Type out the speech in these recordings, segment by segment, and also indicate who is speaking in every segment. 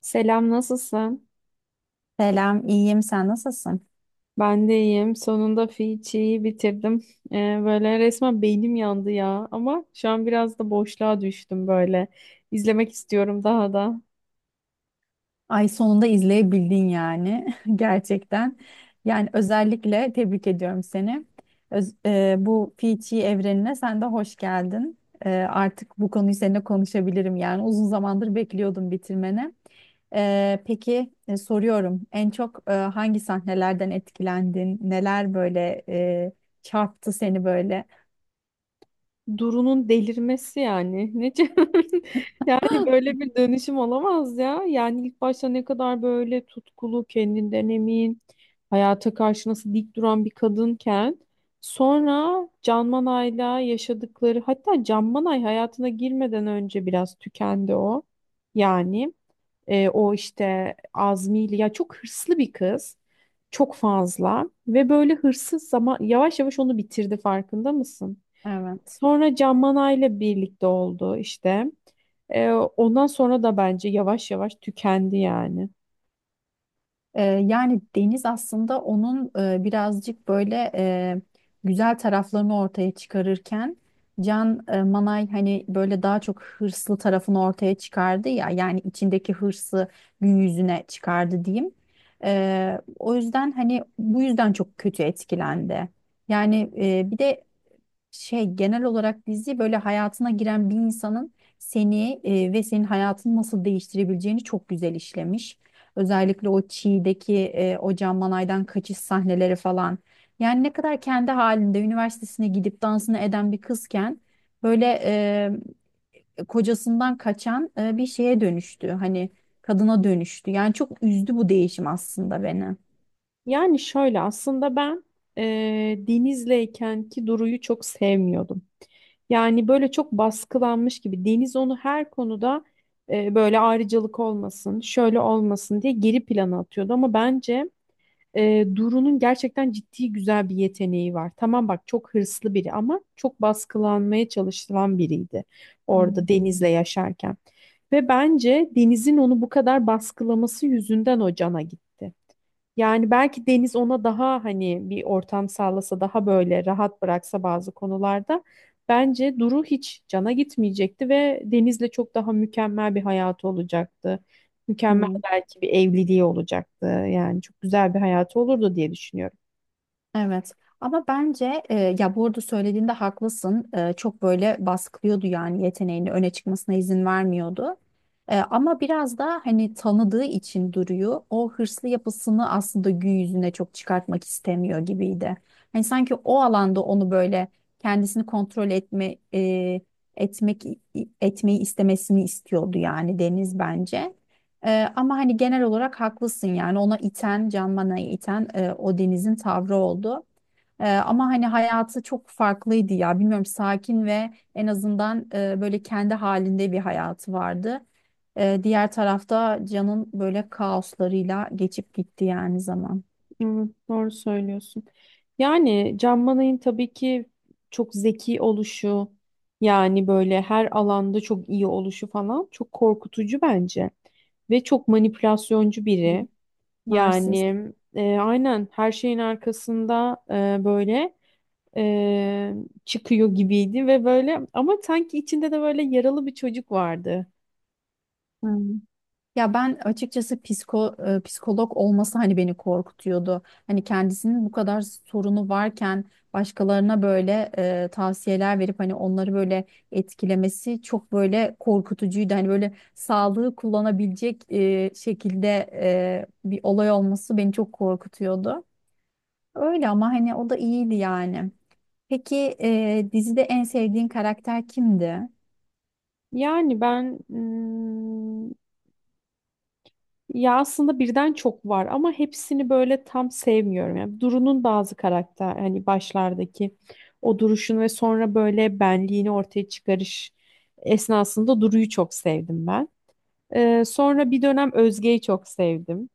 Speaker 1: Selam, nasılsın?
Speaker 2: Selam, iyiyim. Sen nasılsın?
Speaker 1: Ben de iyiyim. Sonunda Fiçi'yi bitirdim. Ee, Böyle resmen beynim yandı ya. Ama şu an biraz da boşluğa düştüm böyle. İzlemek istiyorum daha da.
Speaker 2: Ay sonunda izleyebildin yani gerçekten. Yani özellikle tebrik ediyorum seni. Bu Fiji evrenine sen de hoş geldin. Artık bu konuyu seninle konuşabilirim yani uzun zamandır bekliyordum bitirmeni. Peki, soruyorum en çok, hangi sahnelerden etkilendin? Neler böyle çarptı seni böyle?
Speaker 1: Duru'nun delirmesi yani. Yani böyle bir dönüşüm olamaz ya. Yani ilk başta ne kadar böyle tutkulu, kendinden emin, hayata karşı nasıl dik duran bir kadınken sonra Can Manay'la yaşadıkları hatta Can Manay hayatına girmeden önce biraz tükendi o. Yani O işte Azmi'yle ya çok hırslı bir kız. Çok fazla ve böyle hırsız zaman yavaş yavaş onu bitirdi farkında mısın?
Speaker 2: Evet.
Speaker 1: Sonra Can Manay'la birlikte oldu işte. Ondan sonra da bence yavaş yavaş tükendi yani.
Speaker 2: Yani Deniz aslında onun birazcık böyle güzel taraflarını ortaya çıkarırken Can Manay hani böyle daha çok hırslı tarafını ortaya çıkardı ya, yani içindeki hırsı gün yüzüne çıkardı diyeyim. O yüzden hani bu yüzden çok kötü etkilendi. Yani bir de şey, genel olarak dizi böyle hayatına giren bir insanın seni ve senin hayatını nasıl değiştirebileceğini çok güzel işlemiş. Özellikle o Çiğ'deki o Can Manay'dan kaçış sahneleri falan. Yani ne kadar kendi halinde üniversitesine gidip dansını eden bir kızken böyle kocasından kaçan bir şeye dönüştü. Hani kadına dönüştü. Yani çok üzdü bu değişim aslında beni.
Speaker 1: Yani şöyle aslında e, Deniz'leyken ki Duru'yu çok sevmiyordum. Yani böyle çok baskılanmış gibi Deniz onu her konuda böyle ayrıcalık olmasın, şöyle olmasın diye geri plana atıyordu. Ama bence Duru'nun gerçekten ciddi güzel bir yeteneği var. Tamam bak çok hırslı biri ama çok baskılanmaya çalışılan biriydi orada
Speaker 2: Hmm.
Speaker 1: Deniz'le yaşarken. Ve bence Deniz'in onu bu kadar baskılaması yüzünden o cana gitti. Yani belki Deniz ona daha hani bir ortam sağlasa daha böyle rahat bıraksa bazı konularda bence Duru hiç cana gitmeyecekti ve Deniz'le çok daha mükemmel bir hayatı olacaktı. Mükemmel
Speaker 2: Hmm.
Speaker 1: belki bir evliliği olacaktı. Yani çok güzel bir hayatı olurdu diye düşünüyorum.
Speaker 2: Evet, ama bence ya bu arada söylediğinde haklısın. Çok böyle baskılıyordu yani yeteneğini öne çıkmasına izin vermiyordu. Ama biraz da hani tanıdığı için duruyor o hırslı yapısını, aslında gün yüzüne çok çıkartmak istemiyor gibiydi. Hani sanki o alanda onu böyle kendisini kontrol etme etmek etmeyi istemesini istiyordu yani Deniz bence. Ama hani genel olarak haklısın yani ona iten, Can Mana'yı iten o Deniz'in tavrı oldu. Ama hani hayatı çok farklıydı ya, bilmiyorum, sakin ve en azından böyle kendi halinde bir hayatı vardı. Diğer tarafta Can'ın böyle kaoslarıyla geçip gitti yani zaman.
Speaker 1: Evet, doğru söylüyorsun. Yani Can Manay'ın tabii ki çok zeki oluşu yani böyle her alanda çok iyi oluşu falan çok korkutucu bence ve çok manipülasyoncu
Speaker 2: Hı.
Speaker 1: biri.
Speaker 2: Narsist.
Speaker 1: Yani aynen her şeyin arkasında e, böyle e, çıkıyor gibiydi ve böyle ama sanki içinde de böyle yaralı bir çocuk vardı.
Speaker 2: Hı. Ya ben açıkçası psikolog olması hani beni korkutuyordu. Hani kendisinin bu kadar sorunu varken başkalarına böyle tavsiyeler verip hani onları böyle etkilemesi çok böyle korkutucuydu. Hani böyle sağlığı kullanabilecek şekilde bir olay olması beni çok korkutuyordu. Öyle ama hani o da iyiydi yani. Peki, dizide en sevdiğin karakter kimdi?
Speaker 1: Yani ben ya aslında birden çok var ama hepsini böyle tam sevmiyorum. Yani Duru'nun bazı karakter hani başlardaki o duruşunu ve sonra böyle benliğini ortaya çıkarış esnasında Duru'yu çok sevdim ben. Sonra bir dönem Özge'yi çok sevdim.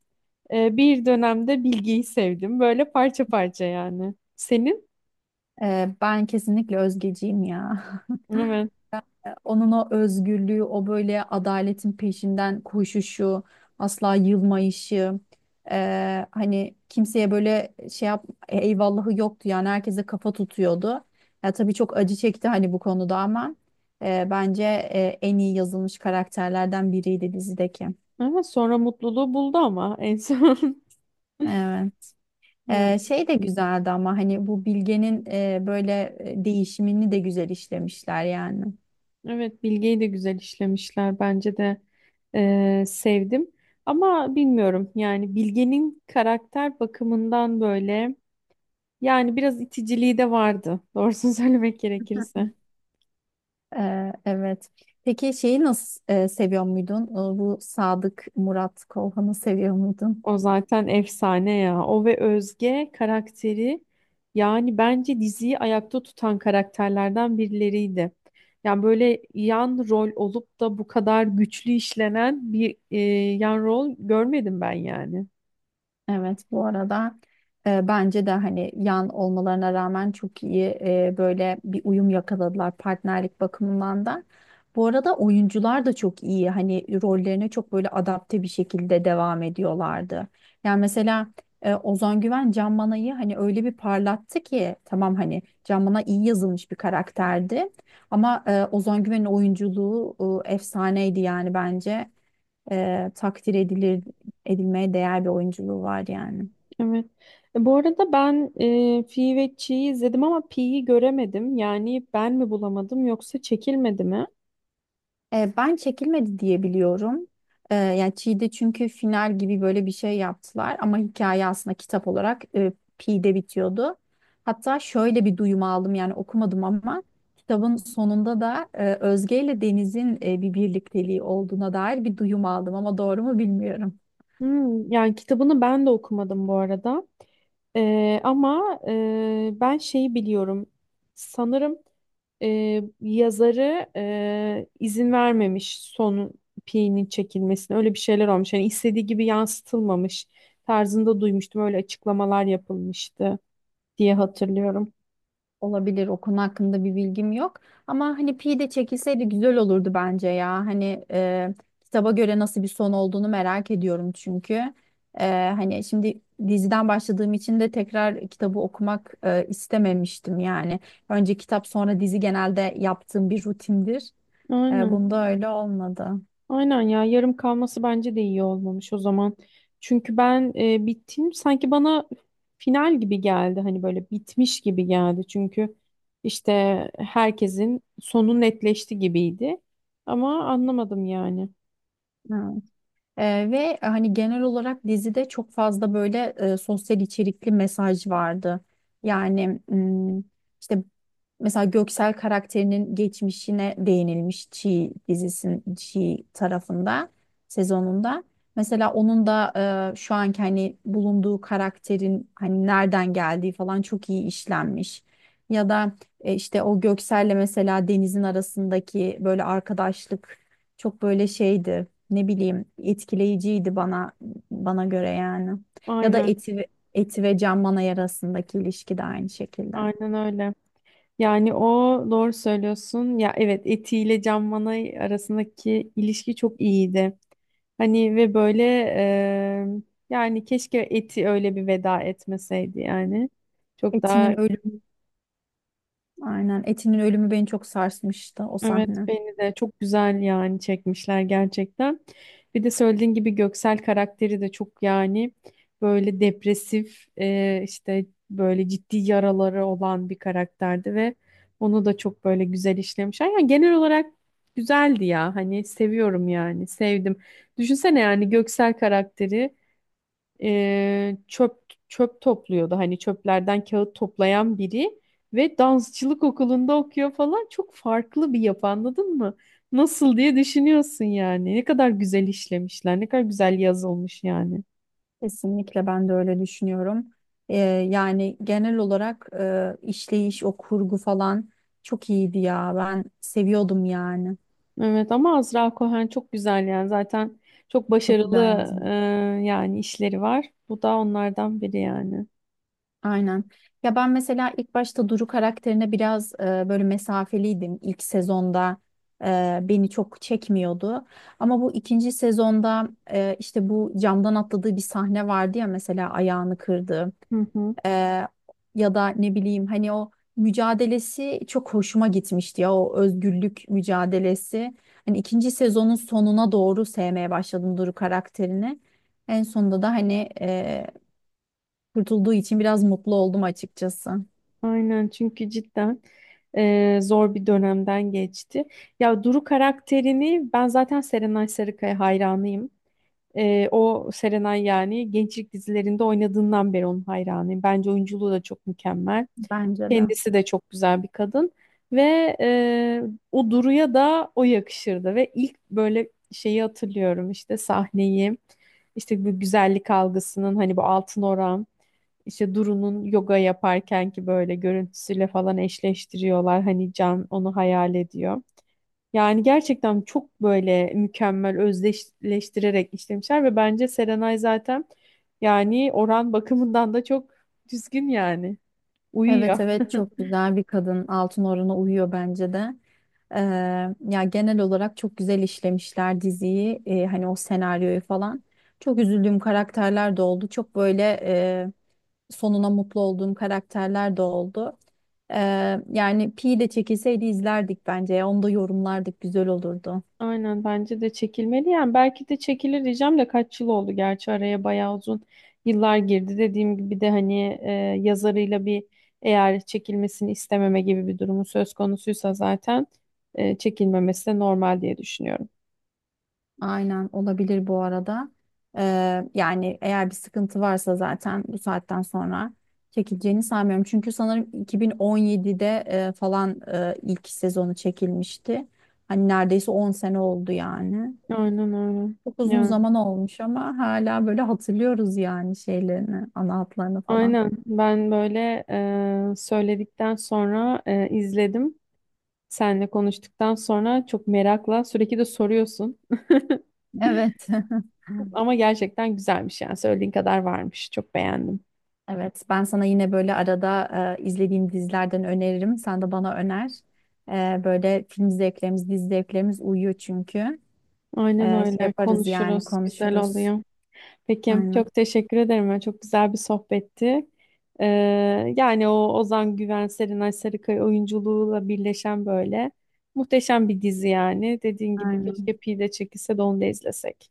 Speaker 1: Bir dönemde Bilge'yi sevdim. Böyle parça parça yani. Senin?
Speaker 2: Ben kesinlikle Özgeciğim ya.
Speaker 1: Evet.
Speaker 2: Onun o özgürlüğü, o böyle adaletin peşinden koşuşu, asla yılmayışı, hani kimseye böyle şey yap, eyvallahı yoktu yani herkese kafa tutuyordu. Ya tabii çok acı çekti hani bu konuda, ama bence en iyi yazılmış karakterlerden biriydi dizideki.
Speaker 1: Evet sonra mutluluğu buldu ama en son.
Speaker 2: Evet.
Speaker 1: Yani,
Speaker 2: Şey de güzeldi ama hani bu Bilge'nin böyle değişimini de güzel işlemişler yani.
Speaker 1: evet Bilge'yi de güzel işlemişler. Bence de sevdim. Ama bilmiyorum yani Bilge'nin karakter bakımından böyle yani biraz iticiliği de vardı. Doğrusunu söylemek gerekirse.
Speaker 2: Evet. Peki şeyi nasıl seviyor muydun? Bu Sadık Murat Kolhan'ı seviyor muydun?
Speaker 1: O zaten efsane ya. O ve Özge karakteri yani bence diziyi ayakta tutan karakterlerden birileriydi. Yani böyle yan rol olup da bu kadar güçlü işlenen bir yan rol görmedim ben yani.
Speaker 2: Evet, bu arada bence de hani yan olmalarına rağmen çok iyi böyle bir uyum yakaladılar partnerlik bakımından da. Bu arada oyuncular da çok iyi hani rollerine çok böyle adapte bir şekilde devam ediyorlardı. Yani mesela Ozan Güven Can Manay'ı hani öyle bir parlattı ki, tamam hani Can Manay iyi yazılmış bir karakterdi. Ama Ozan Güven'in oyunculuğu efsaneydi yani bence takdir edilir edilmeye değer bir oyunculuğu var yani.
Speaker 1: Evet. E, bu arada ben Fi ve Chi'yi izledim ama Pi'yi göremedim. Yani ben mi bulamadım yoksa çekilmedi mi?
Speaker 2: Ben çekilmedi diye biliyorum. Yani Çiğ'de çünkü final gibi böyle bir şey yaptılar, ama hikaye aslında kitap olarak Pi'de bitiyordu. Hatta şöyle bir duyum aldım, yani okumadım ama kitabın sonunda da Özge ile Deniz'in bir birlikteliği olduğuna dair bir duyum aldım, ama doğru mu bilmiyorum.
Speaker 1: Hmm, yani kitabını ben de okumadım bu arada. Ama ben şeyi biliyorum. Sanırım yazarı izin vermemiş son Pi'nin çekilmesine. Öyle bir şeyler olmuş. Yani istediği gibi yansıtılmamış tarzında duymuştum. Öyle açıklamalar yapılmıştı diye hatırlıyorum.
Speaker 2: Olabilir, o konu hakkında bir bilgim yok ama hani Pi de çekilseydi güzel olurdu bence ya, hani kitaba göre nasıl bir son olduğunu merak ediyorum çünkü. E, Hani şimdi diziden başladığım için de tekrar kitabı okumak istememiştim yani, önce kitap sonra dizi genelde yaptığım bir rutindir.
Speaker 1: Aynen.
Speaker 2: Bunda öyle olmadı.
Speaker 1: Aynen ya yarım kalması bence de iyi olmamış o zaman. Çünkü ben bittim sanki bana final gibi geldi hani böyle bitmiş gibi geldi. Çünkü işte herkesin sonu netleşti gibiydi. Ama anlamadım yani.
Speaker 2: Ha. Ve hani genel olarak dizide çok fazla böyle sosyal içerikli mesaj vardı yani. İşte mesela Göksel karakterinin geçmişine değinilmiş Çiğ dizisinin Çiğ tarafında sezonunda. Mesela onun da şu anki hani bulunduğu karakterin hani nereden geldiği falan çok iyi işlenmiş. Ya da işte o Göksel'le mesela Deniz'in arasındaki böyle arkadaşlık çok böyle şeydi. Ne bileyim, etkileyiciydi bana göre yani. Ya da
Speaker 1: Aynen
Speaker 2: Eti ve Can Manay arasındaki ilişki de aynı şekilde.
Speaker 1: aynen öyle. Yani o doğru söylüyorsun. Ya evet Eti ile Can Manay arasındaki ilişki çok iyiydi. Hani ve böyle yani keşke Eti öyle bir veda etmeseydi yani. Çok daha
Speaker 2: Etinin ölümü, aynen, Etinin ölümü beni çok sarsmıştı o
Speaker 1: evet
Speaker 2: sahne.
Speaker 1: beni de çok güzel yani çekmişler gerçekten. Bir de söylediğin gibi Göksel karakteri de çok yani böyle depresif işte böyle ciddi yaraları olan bir karakterdi ve onu da çok böyle güzel işlemişler. Yani genel olarak güzeldi ya hani seviyorum yani sevdim. Düşünsene yani Göksel karakteri e, çöp çöp topluyordu. Hani çöplerden kağıt toplayan biri ve dansçılık okulunda okuyor falan. Çok farklı bir yapı anladın mı? Nasıl diye düşünüyorsun yani. Ne kadar güzel işlemişler, ne kadar güzel yazılmış yani.
Speaker 2: Kesinlikle ben de öyle düşünüyorum. Ee, Yani genel olarak işleyiş, o kurgu falan çok iyiydi ya. Ben seviyordum yani.
Speaker 1: Evet ama Azra Cohen çok güzel yani. Zaten çok
Speaker 2: Çok
Speaker 1: başarılı
Speaker 2: güzel
Speaker 1: e,
Speaker 2: yazmış.
Speaker 1: yani işleri var. Bu da onlardan biri yani.
Speaker 2: Aynen. Ya ben mesela ilk başta Duru karakterine biraz böyle mesafeliydim. İlk sezonda beni çok çekmiyordu. Ama bu ikinci sezonda işte bu camdan atladığı bir sahne vardı ya, mesela ayağını kırdı.
Speaker 1: Hı hı.
Speaker 2: E, Ya da ne bileyim hani o mücadelesi çok hoşuma gitmişti ya, o özgürlük mücadelesi. Hani ikinci sezonun sonuna doğru sevmeye başladım Duru karakterini. En sonunda da hani kurtulduğu için biraz mutlu oldum açıkçası.
Speaker 1: Aynen çünkü cidden zor bir dönemden geçti. Ya Duru karakterini ben zaten Serenay Sarıkaya hayranıyım. O Serenay yani gençlik dizilerinde oynadığından beri onun hayranıyım. Bence oyunculuğu da çok mükemmel.
Speaker 2: Bence de.
Speaker 1: Kendisi de çok güzel bir kadın. Ve e, O Duru'ya da o yakışırdı. Ve ilk böyle şeyi hatırlıyorum işte sahneyi, işte bu güzellik algısının hani bu altın oran, işte Duru'nun yoga yaparken ki böyle görüntüsüyle falan eşleştiriyorlar. Hani Can onu hayal ediyor. Yani gerçekten çok böyle mükemmel özdeşleştirerek işlemişler ve bence Serenay zaten yani oran bakımından da çok düzgün yani. Uyuyor.
Speaker 2: Evet evet, çok güzel bir kadın. Altın orana uyuyor bence de. Ee, Ya genel olarak çok güzel işlemişler diziyi. Hani o senaryoyu falan. Çok üzüldüğüm karakterler de oldu. Çok böyle sonuna mutlu olduğum karakterler de oldu. Yani Pi de çekilseydi izlerdik bence ya. Onu da yorumlardık. Güzel olurdu.
Speaker 1: Aynen bence de çekilmeli yani. Belki de çekilir diyeceğim de kaç yıl oldu gerçi araya bayağı uzun yıllar girdi. Dediğim gibi de hani yazarıyla bir eğer çekilmesini istememe gibi bir durumu söz konusuysa zaten çekilmemesi de normal diye düşünüyorum.
Speaker 2: Aynen, olabilir bu arada. Yani eğer bir sıkıntı varsa zaten bu saatten sonra çekileceğini sanmıyorum. Çünkü sanırım 2017'de falan ilk sezonu çekilmişti. Hani neredeyse 10 sene oldu yani.
Speaker 1: Aynen öyle.
Speaker 2: Çok uzun zaman olmuş ama hala böyle hatırlıyoruz yani şeylerini, ana hatlarını falan.
Speaker 1: Aynen. Ben böyle söyledikten sonra izledim. Seninle konuştuktan sonra çok merakla sürekli de soruyorsun.
Speaker 2: Evet.
Speaker 1: Ama gerçekten güzelmiş yani söylediğin kadar varmış. Çok beğendim.
Speaker 2: Evet, ben sana yine böyle arada izlediğim dizilerden öneririm. Sen de bana öner. Böyle film zevklerimiz, dizi zevklerimiz uyuyor çünkü.
Speaker 1: Aynen
Speaker 2: Şey
Speaker 1: öyle.
Speaker 2: yaparız yani
Speaker 1: Konuşuruz. Güzel
Speaker 2: konuşuruz.
Speaker 1: oluyor. Peki.
Speaker 2: Aynen,
Speaker 1: Çok teşekkür ederim. Yani çok güzel bir sohbetti. E, Yani o Ozan Güven, Serenay Sarıkaya oyunculuğuyla birleşen böyle muhteşem bir dizi yani. Dediğin gibi
Speaker 2: aynen.
Speaker 1: keşke Pide çekilse de onu da izlesek.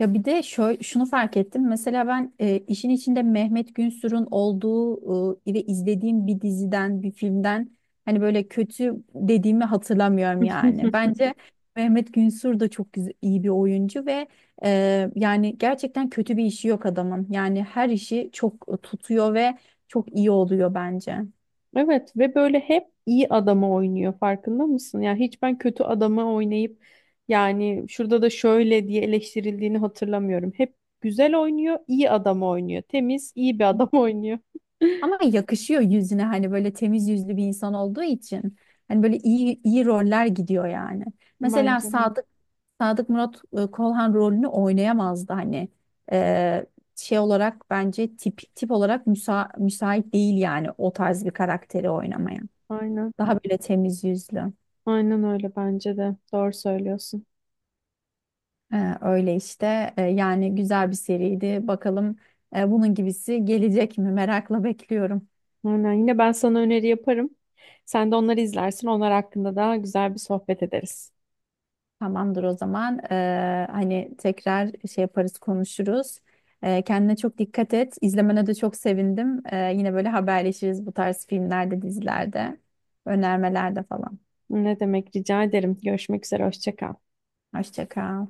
Speaker 2: Ya bir de şöyle, şunu fark ettim. Mesela ben işin içinde Mehmet Günsür'ün olduğu ve izlediğim bir diziden, bir filmden hani böyle kötü dediğimi hatırlamıyorum yani. Bence Mehmet Günsür de çok güzel, iyi bir oyuncu ve yani gerçekten kötü bir işi yok adamın. Yani her işi çok tutuyor ve çok iyi oluyor bence.
Speaker 1: Evet ve böyle hep iyi adamı oynuyor farkında mısın? Yani hiç ben kötü adamı oynayıp yani şurada da şöyle diye eleştirildiğini hatırlamıyorum. Hep güzel oynuyor, iyi adamı oynuyor. Temiz, iyi bir adam oynuyor.
Speaker 2: Ama yakışıyor yüzüne hani böyle temiz yüzlü bir insan olduğu için. Hani böyle iyi iyi roller gidiyor yani. Mesela
Speaker 1: Bence de.
Speaker 2: Sadık Murat Kolhan rolünü oynayamazdı hani. Ee, Şey olarak bence tip olarak müsait değil yani o tarz bir karakteri oynamaya.
Speaker 1: Aynen.
Speaker 2: Daha böyle temiz yüzlü.
Speaker 1: Aynen öyle bence de. Doğru söylüyorsun.
Speaker 2: Öyle işte. Yani güzel bir seriydi. Bakalım bunun gibisi gelecek mi? Merakla bekliyorum.
Speaker 1: Aynen. Yine ben sana öneri yaparım. Sen de onları izlersin. Onlar hakkında daha güzel bir sohbet ederiz.
Speaker 2: Tamamdır o zaman. Hani tekrar şey yaparız, konuşuruz. Kendine çok dikkat et. İzlemene de çok sevindim. Yine böyle haberleşiriz bu tarz filmlerde, dizilerde, önermelerde falan.
Speaker 1: Ne demek rica ederim. Görüşmek üzere. Hoşça kal.
Speaker 2: Hoşça kal.